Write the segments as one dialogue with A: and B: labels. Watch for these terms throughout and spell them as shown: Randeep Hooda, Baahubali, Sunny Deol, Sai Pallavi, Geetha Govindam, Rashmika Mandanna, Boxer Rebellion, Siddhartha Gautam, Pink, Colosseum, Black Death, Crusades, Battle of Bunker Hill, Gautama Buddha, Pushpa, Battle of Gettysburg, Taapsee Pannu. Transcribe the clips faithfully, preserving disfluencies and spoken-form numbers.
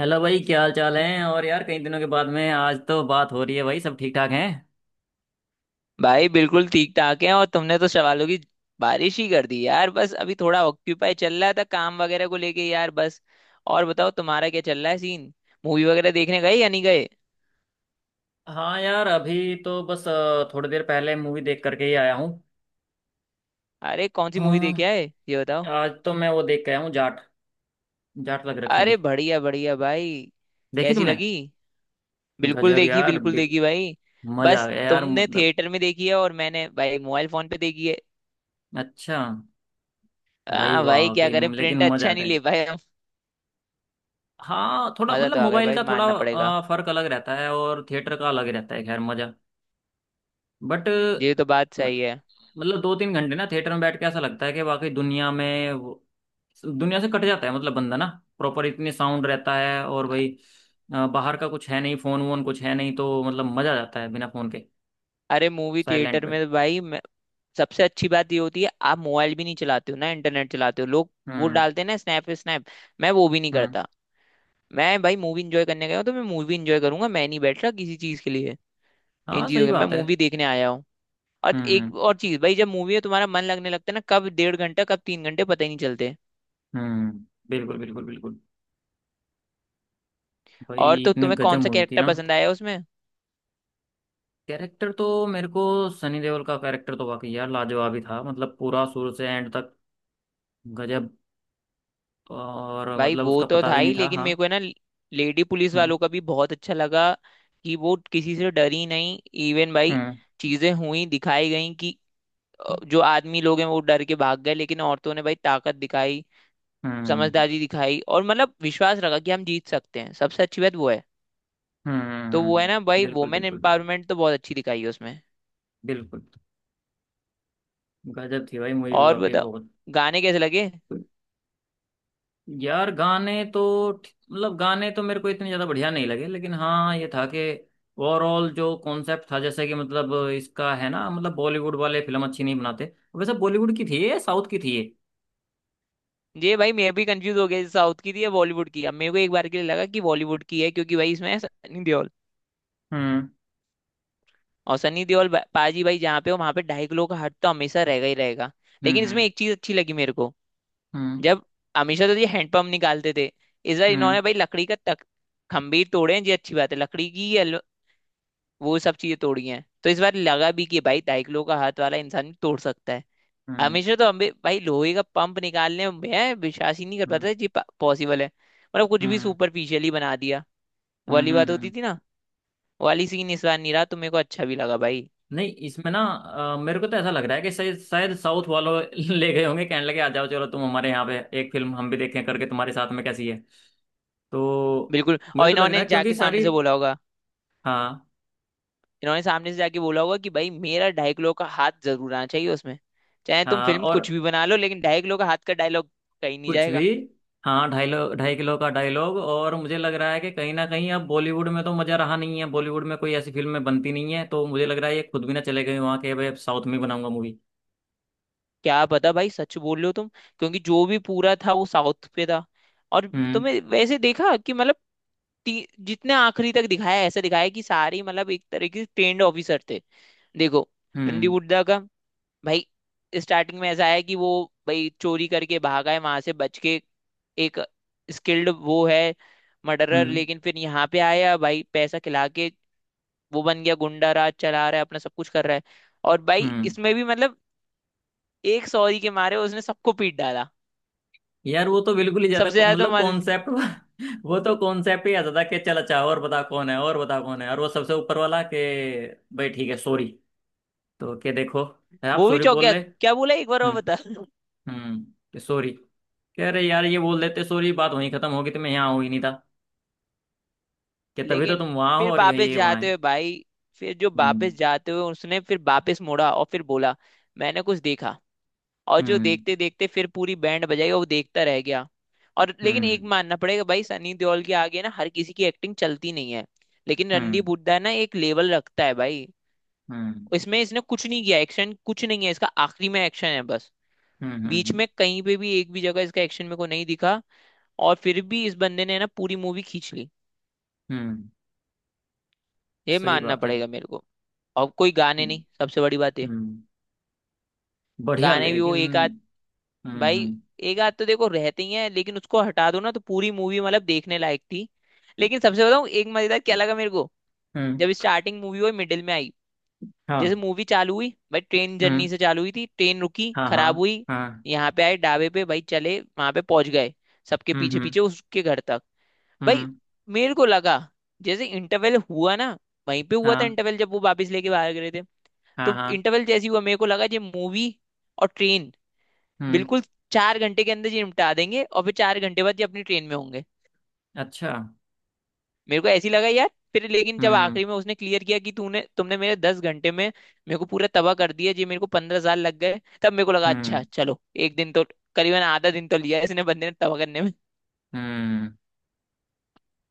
A: Hello भाई, क्या हाल चाल है? और यार कई दिनों के बाद में आज तो बात हो रही है। भाई सब ठीक ठाक हैं?
B: भाई बिल्कुल ठीक ठाक है। और तुमने तो सवालों की बारिश ही कर दी यार। बस अभी थोड़ा ऑक्यूपाई चल रहा था, काम वगैरह को लेके यार। बस और बताओ, तुम्हारा क्या चल रहा है सीन? मूवी वगैरह देखने गए या नहीं गए?
A: हाँ यार, अभी तो बस अ, थोड़ी देर पहले मूवी देख करके ही आया हूँ।
B: अरे कौन सी मूवी देखे
A: हाँ,
B: आए ये बताओ।
A: आज तो मैं वो देख के आया हूँ जाट। जाट लग रखी थी।
B: अरे बढ़िया बढ़िया भाई।
A: देखी
B: कैसी
A: तुमने?
B: लगी? बिल्कुल
A: गजब
B: देखी,
A: यार
B: बिल्कुल
A: बे-
B: देखी भाई।
A: मजा आ
B: बस
A: गया यार,
B: तुमने
A: मतलब।
B: थिएटर में देखी है और मैंने भाई मोबाइल फोन पे देखी है।
A: अच्छा। भाई
B: हाँ
A: वाह,
B: भाई, क्या
A: कहीं
B: करें,
A: लेकिन
B: प्रिंट
A: मजा आ
B: अच्छा नहीं
A: गया।
B: ले पाए हम।
A: हाँ, थोड़ा
B: मजा
A: मतलब
B: तो आ गया
A: मोबाइल
B: भाई,
A: का थोड़ा
B: मानना पड़ेगा।
A: अ, फर्क अलग रहता है और थिएटर का अलग रहता है, खैर मजा। बट।
B: ये तो बात सही है।
A: मतलब दो तीन घंटे ना थिएटर में बैठ के ऐसा लगता है कि वाकई दुनिया में वो- दुनिया से कट जाता है मतलब बंदा ना। प्रॉपर इतने साउंड रहता है और भाई अ, बाहर का कुछ है नहीं, फोन वोन कुछ है नहीं, तो मतलब मजा आ जाता है बिना फोन के।
B: अरे मूवी
A: साइलेंट
B: थिएटर
A: पे।
B: में तो भाई सबसे अच्छी बात ये होती है, आप मोबाइल भी नहीं चलाते हो ना, इंटरनेट चलाते हो लोग, वो
A: हम्म।
B: डालते हैं ना स्नैप स्नैप। मैं वो भी नहीं
A: हम्म।
B: करता। मैं भाई मूवी इंजॉय करने गया हूँ तो मैं मूवी इंजॉय करूंगा, मैं नहीं बैठ रहा किसी चीज के लिए। इन
A: हाँ,
B: चीजों
A: सही
B: के, मैं
A: बात है।
B: मूवी देखने आया हूँ। और
A: हम्म।
B: एक और चीज भाई, जब मूवी में तुम्हारा मन लगने लगता है ना, कब डेढ़ घंटा, कब तीन घंटे पता ही नहीं चलते।
A: हम्म। बिल्कुल बिल्कुल बिल्कुल। भाई
B: और तो
A: इतने
B: तुम्हें
A: गजब
B: कौन सा
A: मूवी थी
B: कैरेक्टर
A: ना।
B: पसंद आया उसमें?
A: कैरेक्टर तो मेरे को सनी देओल का कैरेक्टर तो वाकई यार लाजवाब ही था, मतलब पूरा शुरू से एंड तक। गजब। और
B: भाई
A: मतलब
B: वो
A: उसका
B: तो
A: पता
B: था
A: भी नहीं
B: ही,
A: था।
B: लेकिन
A: हाँ।
B: मेरे को है ना लेडी पुलिस
A: हम्म।
B: वालों का भी बहुत अच्छा लगा, कि वो किसी से डरी नहीं। इवन भाई
A: हम्म।
B: चीजें हुई दिखाई गई कि अ, जो आदमी लोग हैं वो डर के भाग गए, लेकिन औरतों ने भाई ताकत दिखाई,
A: हम्म।
B: समझदारी दिखाई और मतलब विश्वास रखा कि हम जीत सकते हैं। सबसे अच्छी बात वो है। तो वो है ना
A: हम्म।
B: भाई,
A: बिल्कुल
B: वुमेन
A: बिल्कुल बिल्कुल
B: एम्पावरमेंट तो बहुत अच्छी दिखाई है उसमें।
A: बिल्कुल। गजब थी भाई मूवी
B: और
A: वाकई
B: बताओ,
A: बहुत।
B: गाने कैसे लगे?
A: यार गाने तो ठी- मतलब गाने तो मेरे को इतने ज्यादा बढ़िया नहीं लगे, लेकिन हाँ ये था कि ओवरऑल जो कॉन्सेप्ट था, जैसे कि मतलब इसका है ना, मतलब बॉलीवुड वाले फिल्म अच्छी नहीं बनाते, वैसे बॉलीवुड की थी ये, साउथ की थी ये।
B: ये भाई मैं भी कंफ्यूज हो गया, साउथ की थी या बॉलीवुड की। अब मेरे को एक बार के लिए लगा कि बॉलीवुड की है, क्योंकि भाई इसमें है सनी देओल।
A: हम्म।
B: और सनी देओल बा- पाजी भाई जहाँ पे हो वहाँ पे ढाई किलो का हट तो हमेशा रहेगा ही रहेगा। लेकिन
A: हम्म।
B: इसमें एक चीज अच्छी लगी मेरे को।
A: हम्म।
B: जब हमेशा तो ये हैंडपंप निकालते थे, इस बार
A: हम्म।
B: इन्होंने भाई लकड़ी का तक खंभे तोड़े हैं। ये अच्छी बात है, लकड़ी की ये अल- वो सब चीजें तोड़ी हैं। तो इस बार लगा भी कि भाई ढाई किलो का हाथ वाला इंसान भी तोड़ सकता है।
A: हम्म। हम्म।
B: हमेशा तो हमें भाई लोहे का पंप निकालने में मैं विश्वास ही नहीं कर पाता,
A: हम्म।
B: ये पॉसिबल है? मतलब कुछ भी
A: हम्म।
B: सुपरफिशियल ही बना दिया। वो
A: हम्म।
B: वाली बात
A: हम्म। हम्म।
B: होती थी ना, वो वाली सीन इस बार नहीं रहा, तो मेरे को अच्छा भी लगा भाई।
A: नहीं, इसमें ना अ, मेरे को तो ऐसा लग रहा है कि शायद शायद साउथ वालों ले गए होंगे, कहने लगे आ जाओ चलो तुम हमारे यहाँ पे, एक फिल्म हम भी देखें करके तुम्हारे साथ में कैसी है। तो
B: बिल्कुल,
A: मुझे
B: और
A: तो लग रहा
B: इन्होंने
A: है क्योंकि
B: जाके सामने
A: सारी।
B: से बोला होगा।
A: हाँ।
B: इन्होंने सामने से जाके बोला होगा कि भाई मेरा ढाई किलो का हाथ जरूर आना चाहिए उसमें। चाहे तुम
A: हाँ
B: फिल्म
A: और
B: कुछ भी बना लो, लेकिन ढाई किलो का हाथ का डायलॉग कहीं नहीं
A: कुछ भी।
B: जाएगा।
A: हाँ ढाई लो ढाई किलो का डायलॉग, और मुझे लग रहा है कि कहीं ना कहीं अब बॉलीवुड में तो मज़ा रहा नहीं है, बॉलीवुड में कोई ऐसी फिल्में बनती नहीं है, तो मुझे लग रहा है ये खुद भी ना चले गए वहाँ के, भाई अब साउथ में ही बनाऊंगा मूवी।
B: क्या पता भाई, सच बोल रहे हो तुम। क्योंकि जो भी पूरा था वो साउथ पे था। और
A: हम्म।
B: तुमने वैसे देखा कि मतलब ती- जितने आखिरी तक दिखाया, ऐसा दिखाया कि सारी मतलब एक तरह के ट्रेंड ऑफिसर थे। देखो, रणदीप
A: हम्म।
B: हुड्डा का भाई स्टार्टिंग में ऐसा है कि वो भाई चोरी करके भागा है वहां से बच के। एक स्किल्ड वो है मर्डरर,
A: हम्म।
B: लेकिन फिर यहाँ पे आया भाई, पैसा खिला के वो बन गया, गुंडा राज चला रहा है, अपना सब कुछ कर रहा है। और भाई
A: हम्म।
B: इसमें भी मतलब एक सॉरी के मारे उसने सबको पीट डाला।
A: यार वो तो बिल्कुल ही ज्यादा
B: सबसे ज्यादा तो
A: मतलब
B: मार-
A: कॉन्सेप्ट वो तो कॉन्सेप्ट ही आता था कि चल अच्छा, और बता कौन है, और बता कौन है, और वो सबसे ऊपर वाला के। भाई ठीक है सॉरी। तो के देखो, है आप
B: वो भी
A: सॉरी
B: चौंक
A: बोल
B: गया,
A: ले।
B: क्या बोला एक बार
A: हम्म।
B: और बता।
A: हम्म। कि सॉरी कह रहे यार, ये बोल देते सॉरी, बात वहीं खत्म होगी, तो मैं यहाँ हूँ ही नहीं था। कि तभी तो
B: लेकिन
A: तुम वहां हो
B: फिर
A: और ये
B: वापस
A: ये वहां
B: जाते
A: है।
B: हुए भाई, फिर जो वापस
A: हम्म।
B: जाते हुए उसने फिर वापस मुड़ा और फिर बोला, मैंने कुछ देखा। और जो
A: हम्म।
B: देखते देखते फिर पूरी बैंड बजाएगा, वो देखता रह गया। और लेकिन एक
A: हम्म।
B: मानना पड़ेगा भाई, सनी देओल के आगे ना हर किसी की एक्टिंग चलती नहीं है। लेकिन
A: हम्म।
B: रणदीप हुड्डा ना एक लेवल रखता है भाई।
A: हम्म।
B: इसमें इसने कुछ नहीं किया, एक्शन कुछ नहीं है इसका, आखिरी में एक्शन है बस।
A: हम्म। हम्म।
B: बीच
A: हम्म।
B: में कहीं पे भी एक भी जगह इसका एक्शन मेरे को नहीं दिखा। और फिर भी इस बंदे ने ना पूरी मूवी खींच ली,
A: हम्म।
B: ये
A: सही
B: मानना
A: बात है।
B: पड़ेगा मेरे को। और कोई गाने
A: हम्म।
B: नहीं, सबसे बड़ी बात ये।
A: हम्म, बढ़िया
B: गाने भी वो
A: लेकिन।
B: एक आध
A: हम्म।
B: भाई,
A: हम्म।
B: एक आध तो देखो रहती ही है, लेकिन उसको हटा दो ना तो पूरी मूवी मतलब देखने लायक थी। लेकिन सबसे बताऊं एक मजेदार क्या लगा मेरे को?
A: हम्म।
B: जब स्टार्टिंग मूवी हुई, मिडिल में आई, जैसे
A: हाँ।
B: मूवी चालू हुई भाई, ट्रेन
A: हम्म।
B: जर्नी से चालू हुई थी, ट्रेन रुकी,
A: हाँ
B: खराब
A: हाँ।
B: हुई,
A: हाँ।
B: यहाँ पे आए ढाबे पे भाई, चले वहां पे पहुंच गए, सबके
A: हम्म।
B: पीछे
A: हम्म।
B: पीछे उसके घर तक। भाई
A: हम्म।
B: मेरे को लगा जैसे इंटरवल हुआ ना, वहीं पे हुआ था
A: हाँ
B: इंटरवल जब वो वापस लेके बाहर गए थे।
A: हाँ
B: तो
A: हाँ।
B: इंटरवल जैसी हुआ मेरे को लगा ये मूवी। और ट्रेन
A: हम्म।
B: बिल्कुल चार घंटे के अंदर ये निपटा देंगे, और फिर चार घंटे बाद ये अपनी ट्रेन में होंगे।
A: अच्छा।
B: मेरे को ऐसी लगा यार, फिर लेकिन जब
A: हम्म।
B: आखिरी में उसने क्लियर किया कि तूने तुमने मेरे दस घंटे में मेरे को पूरा तबाह कर दिया जी, मेरे को पंद्रह साल लग गए, तब मेरे को लगा अच्छा
A: हम्म।
B: चलो। एक दिन तो, करीबन आधा दिन तो लिया इसने बंदे ने तबाह करने में।
A: हम्म।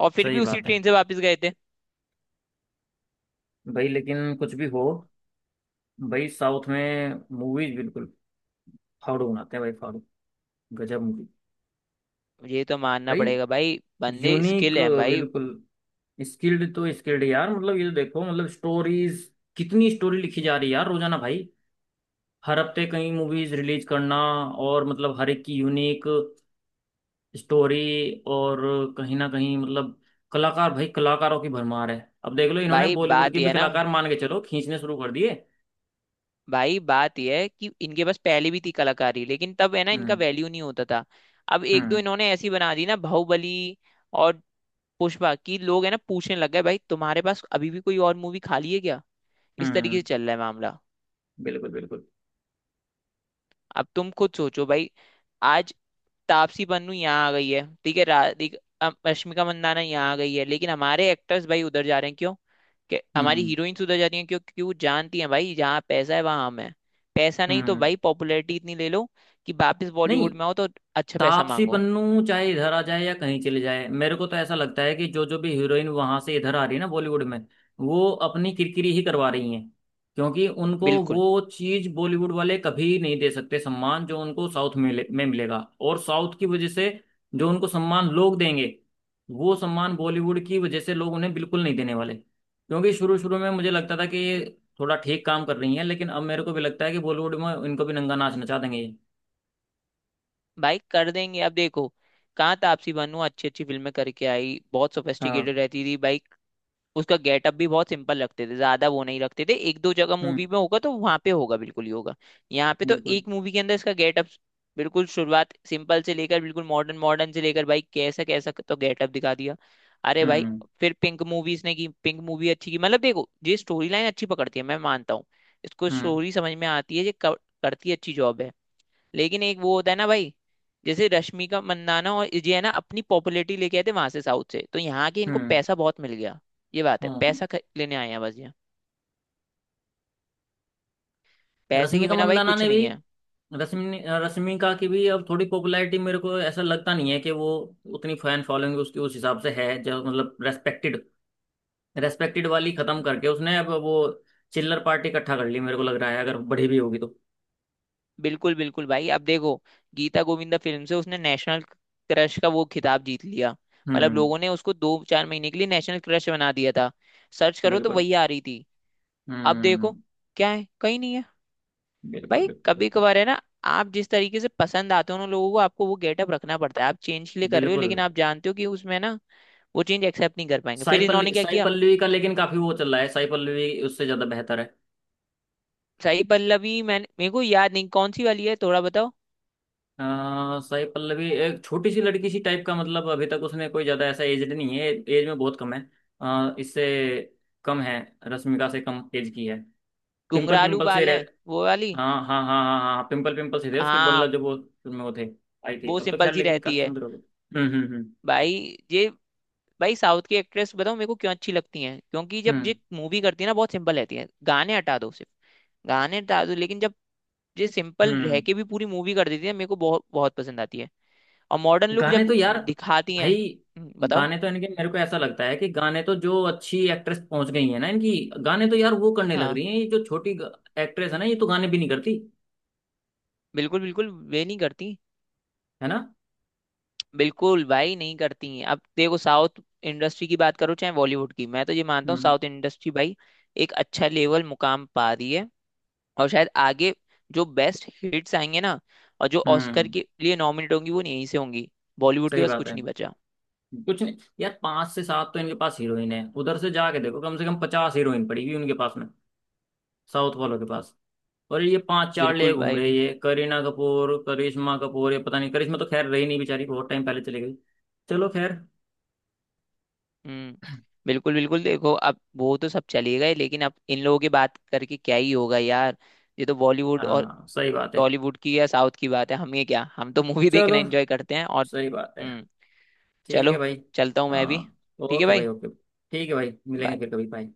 B: और फिर भी
A: सही
B: उसी
A: बात है।
B: ट्रेन से वापस गए थे।
A: भाई लेकिन कुछ भी हो, भाई साउथ में मूवीज बिल्कुल फाड़ू बनाते हैं भाई फाड़ू। गजब मूवी।
B: ये तो मानना
A: भाई
B: पड़ेगा भाई, बंदे
A: यूनिक।
B: स्किल है भाई।
A: बिल्कुल। स्किल्ड तो स्किल्ड यार, मतलब ये तो देखो मतलब स्टोरीज। कितनी स्टोरी लिखी जा रही है यार रोजाना भाई। हर हफ्ते कई मूवीज रिलीज करना। और मतलब हर एक की यूनिक स्टोरी। और कहीं ना कहीं मतलब कलाकार, भाई कलाकारों की भरमार है। अब देख लो, इन्होंने
B: भाई
A: बॉलीवुड के
B: बात ये
A: भी
B: है ना,
A: कलाकार मान के चलो खींचने शुरू कर दिए।
B: भाई बात यह है कि इनके पास पहले भी थी कलाकारी, लेकिन तब है ना इनका
A: हम्म।
B: वैल्यू नहीं होता था। अब एक दो
A: हम्म।
B: इन्होंने ऐसी बना दी ना, बाहुबली और पुष्पा की, लोग है ना पूछने लग गए भाई, तुम्हारे पास अभी भी कोई और मूवी खाली है क्या? इस तरीके से
A: हम्म।
B: चल रहा है मामला।
A: बिल्कुल बिल्कुल।
B: अब तुम खुद सोचो भाई, आज तापसी पन्नू यहाँ आ गई है, ठीक है, राधिका, अम, रश्मिका मंदाना यहाँ आ गई है, लेकिन हमारे एक्टर्स भाई उधर जा रहे हैं क्यों? कि हमारी
A: हम्म।
B: हीरोइंस उधर जा रही हैं क्यों? क्योंकि वो जानती हैं भाई, जहाँ पैसा है वहां हम हैं। पैसा नहीं तो
A: हम्म।
B: भाई पॉपुलैरिटी इतनी ले लो कि वापस
A: नहीं।
B: बॉलीवुड में आओ तो अच्छा पैसा
A: तापसी
B: मांगो।
A: पन्नू चाहे इधर आ जाए या कहीं चले जाए, मेरे को तो ऐसा लगता है कि जो जो भी हीरोइन वहां से इधर आ रही है ना बॉलीवुड में, वो अपनी किरकिरी ही करवा रही हैं, क्योंकि उनको
B: बिल्कुल
A: वो चीज बॉलीवुड वाले कभी नहीं दे सकते, सम्मान जो उनको साउथ में मिले- में मिलेगा, और साउथ की वजह से जो उनको सम्मान लोग देंगे, वो सम्मान बॉलीवुड की वजह से लोग उन्हें बिल्कुल नहीं देने वाले, क्योंकि शुरू शुरू में मुझे लगता था कि ये थोड़ा ठीक काम कर रही हैं, लेकिन अब मेरे को भी लगता है कि बॉलीवुड में इनको भी नंगा नाच नचा देंगे ये।
B: भाई कर देंगे। अब देखो कहाँ तापसी पन्नू अच्छी अच्छी फिल्में करके आई, बहुत
A: हाँ।
B: सोफेस्टिकेटेड रहती थी भाई। उसका गेटअप भी बहुत सिंपल रखते थे, ज्यादा वो नहीं रखते थे, एक दो जगह
A: हम्म।
B: मूवी में होगा तो वहां पे होगा, बिल्कुल ही होगा। यहाँ पे तो
A: बिल्कुल।
B: एक मूवी के अंदर इसका गेटअप बिल्कुल शुरुआत सिंपल से लेकर बिल्कुल मॉडर्न मॉडर्न से लेकर भाई कैसा कैसा तो गेटअप दिखा दिया। अरे भाई,
A: हम्म।
B: फिर पिंक मूवी इसने की, पिंक मूवी अच्छी की, मतलब देखो ये स्टोरी लाइन अच्छी पकड़ती है, मैं मानता हूँ। इसको
A: हम्म।
B: स्टोरी समझ में आती है, ये कर- करती है, अच्छी जॉब है। लेकिन एक वो होता है ना भाई, जैसे रश्मिका मंदाना और ये है ना, अपनी पॉपुलैरिटी लेके आए थे वहां से, साउथ से, तो यहाँ के इनको
A: हम्म।
B: पैसा बहुत मिल गया। ये बात है,
A: हाँ।
B: पैसा ख- लेने आए हैं बस ये। पैसे के
A: रश्मिका
B: बिना भाई
A: मंदाना
B: कुछ
A: ने भी,
B: नहीं है।
A: रश्मि रश्मिका की भी अब थोड़ी पॉपुलैरिटी, मेरे को ऐसा लगता नहीं है कि वो उतनी फैन फॉलोइंग उसकी उस हिसाब से है, जो मतलब रेस्पेक्टेड, रेस्पेक्टेड वाली खत्म करके उसने अब वो चिल्लर पार्टी इकट्ठा कर ली, मेरे को लग रहा है, अगर बड़ी भी होगी तो।
B: बिल्कुल बिल्कुल भाई, अब देखो गीता गोविंदा फिल्म से उसने नेशनल क्रश का वो खिताब जीत लिया। मतलब
A: हम्म।
B: लोगों ने उसको दो चार महीने के लिए नेशनल क्रश बना दिया था, सर्च करो तो
A: बिल्कुल।
B: वही आ रही थी। अब
A: हम्म।
B: देखो क्या है, कहीं नहीं है।
A: बिल्कुल
B: भाई
A: बिल्कुल
B: कभी
A: बिल्कुल
B: कभार है ना, आप जिस तरीके से पसंद आते हो उन लोगों को, आपको वो गेटअप रखना पड़ता है। आप चेंज के लिए कर रहे हो,
A: बिल्कुल।
B: लेकिन आप जानते हो कि उसमें ना वो चेंज एक्सेप्ट नहीं कर पाएंगे,
A: साई
B: फिर इन्होंने
A: पल्लवी,
B: क्या
A: साई
B: किया।
A: पल्लवी का लेकिन काफी वो चल रहा है, साई पल्लवी उससे ज्यादा बेहतर है।
B: साई पल्लवी मैंने, मेरे को याद नहीं कौन सी वाली है, थोड़ा बताओ।
A: अ, साई पल्लवी एक छोटी सी लड़की सी टाइप का, मतलब अभी तक उसने कोई ज्यादा ऐसा एजड नहीं है, एज में बहुत कम है। अ, इससे कम है। रश्मिका से कम एज की है। पिंपल
B: घुंघरालू
A: पिंपल से
B: बाल है
A: रह,
B: वो वाली?
A: हाँ हाँ हाँ हाँ हाँ, पिंपल पिंपल से थे उसके,
B: हाँ,
A: मतलब जब वो फिल्म में वो थे आई थी,
B: वो
A: अब तो
B: सिंपल
A: खैर
B: सी
A: लेकिन
B: रहती
A: काफी
B: है।
A: सुंदर हो गए। हम्म। हम्म।
B: भाई ये, भाई साउथ की एक्ट्रेस बताओ मेरे को क्यों अच्छी लगती हैं, क्योंकि जब
A: हम्म।
B: ये मूवी करती है ना बहुत सिंपल रहती है। गाने हटा दो सिर्फ, गाने हटा दो, लेकिन जब ये
A: हम्म।
B: सिंपल रह
A: हम्म।
B: के भी पूरी मूवी कर देती है, मेरे को बहुत बहुत पसंद आती है। और मॉडर्न लुक
A: गाने
B: जब
A: तो यार,
B: दिखाती हैं
A: भाई
B: हम्म, बताओ।
A: गाने तो इनके मेरे को ऐसा लगता है कि गाने तो जो अच्छी एक्ट्रेस पहुंच गई है ना इनकी, गाने तो यार वो करने लग
B: हाँ,
A: रही है, ये जो छोटी एक्ट्रेस है ना, ये तो गाने भी नहीं करती,
B: बिल्कुल बिल्कुल, वे नहीं करती।
A: है ना।
B: बिल्कुल भाई नहीं करती हैं। अब देखो साउथ इंडस्ट्री की बात करो चाहे बॉलीवुड की, मैं तो ये मानता हूँ
A: हम्म।
B: साउथ इंडस्ट्री भाई एक अच्छा लेवल मुकाम पा रही है। और शायद आगे जो बेस्ट हिट्स आएंगे ना, और जो ऑस्कर
A: हम्म।
B: के लिए नॉमिनेट होंगी वो यहीं से होंगी। बॉलीवुड के
A: सही
B: पास
A: बात
B: कुछ
A: है।
B: नहीं बचा।
A: कुछ नहीं यार, पांच से सात तो इनके पास हीरोइन है, उधर से जाके देखो कम से कम पचास हीरोइन पड़ी हुई उनके पास में, साउथ वालों के पास। और ये पांच चार ले
B: बिल्कुल
A: घूम
B: भाई
A: रहे हैं,
B: बिल-
A: ये करीना कपूर, करिश्मा कपूर, ये पता नहीं, करिश्मा तो खैर रही नहीं बेचारी, बहुत टाइम पहले चली गई। चलो खैर।
B: हम्म, बिल्कुल बिल्कुल देखो, अब वो तो सब चले गए, लेकिन अब इन लोगों की बात करके क्या ही होगा यार। ये तो बॉलीवुड और
A: हाँ, सही बात है।
B: टॉलीवुड की या साउथ की बात है, हम ये क्या, हम तो मूवी देखना
A: चलो,
B: एंजॉय करते हैं और
A: सही बात है।
B: हम्म,
A: ठीक
B: चलो,
A: है भाई।
B: चलता हूँ मैं भी।
A: हाँ।
B: ठीक है
A: ओके भाई
B: भाई।
A: ओके। ठीक है भाई, मिलेंगे
B: Bye.
A: फिर कभी, बाय।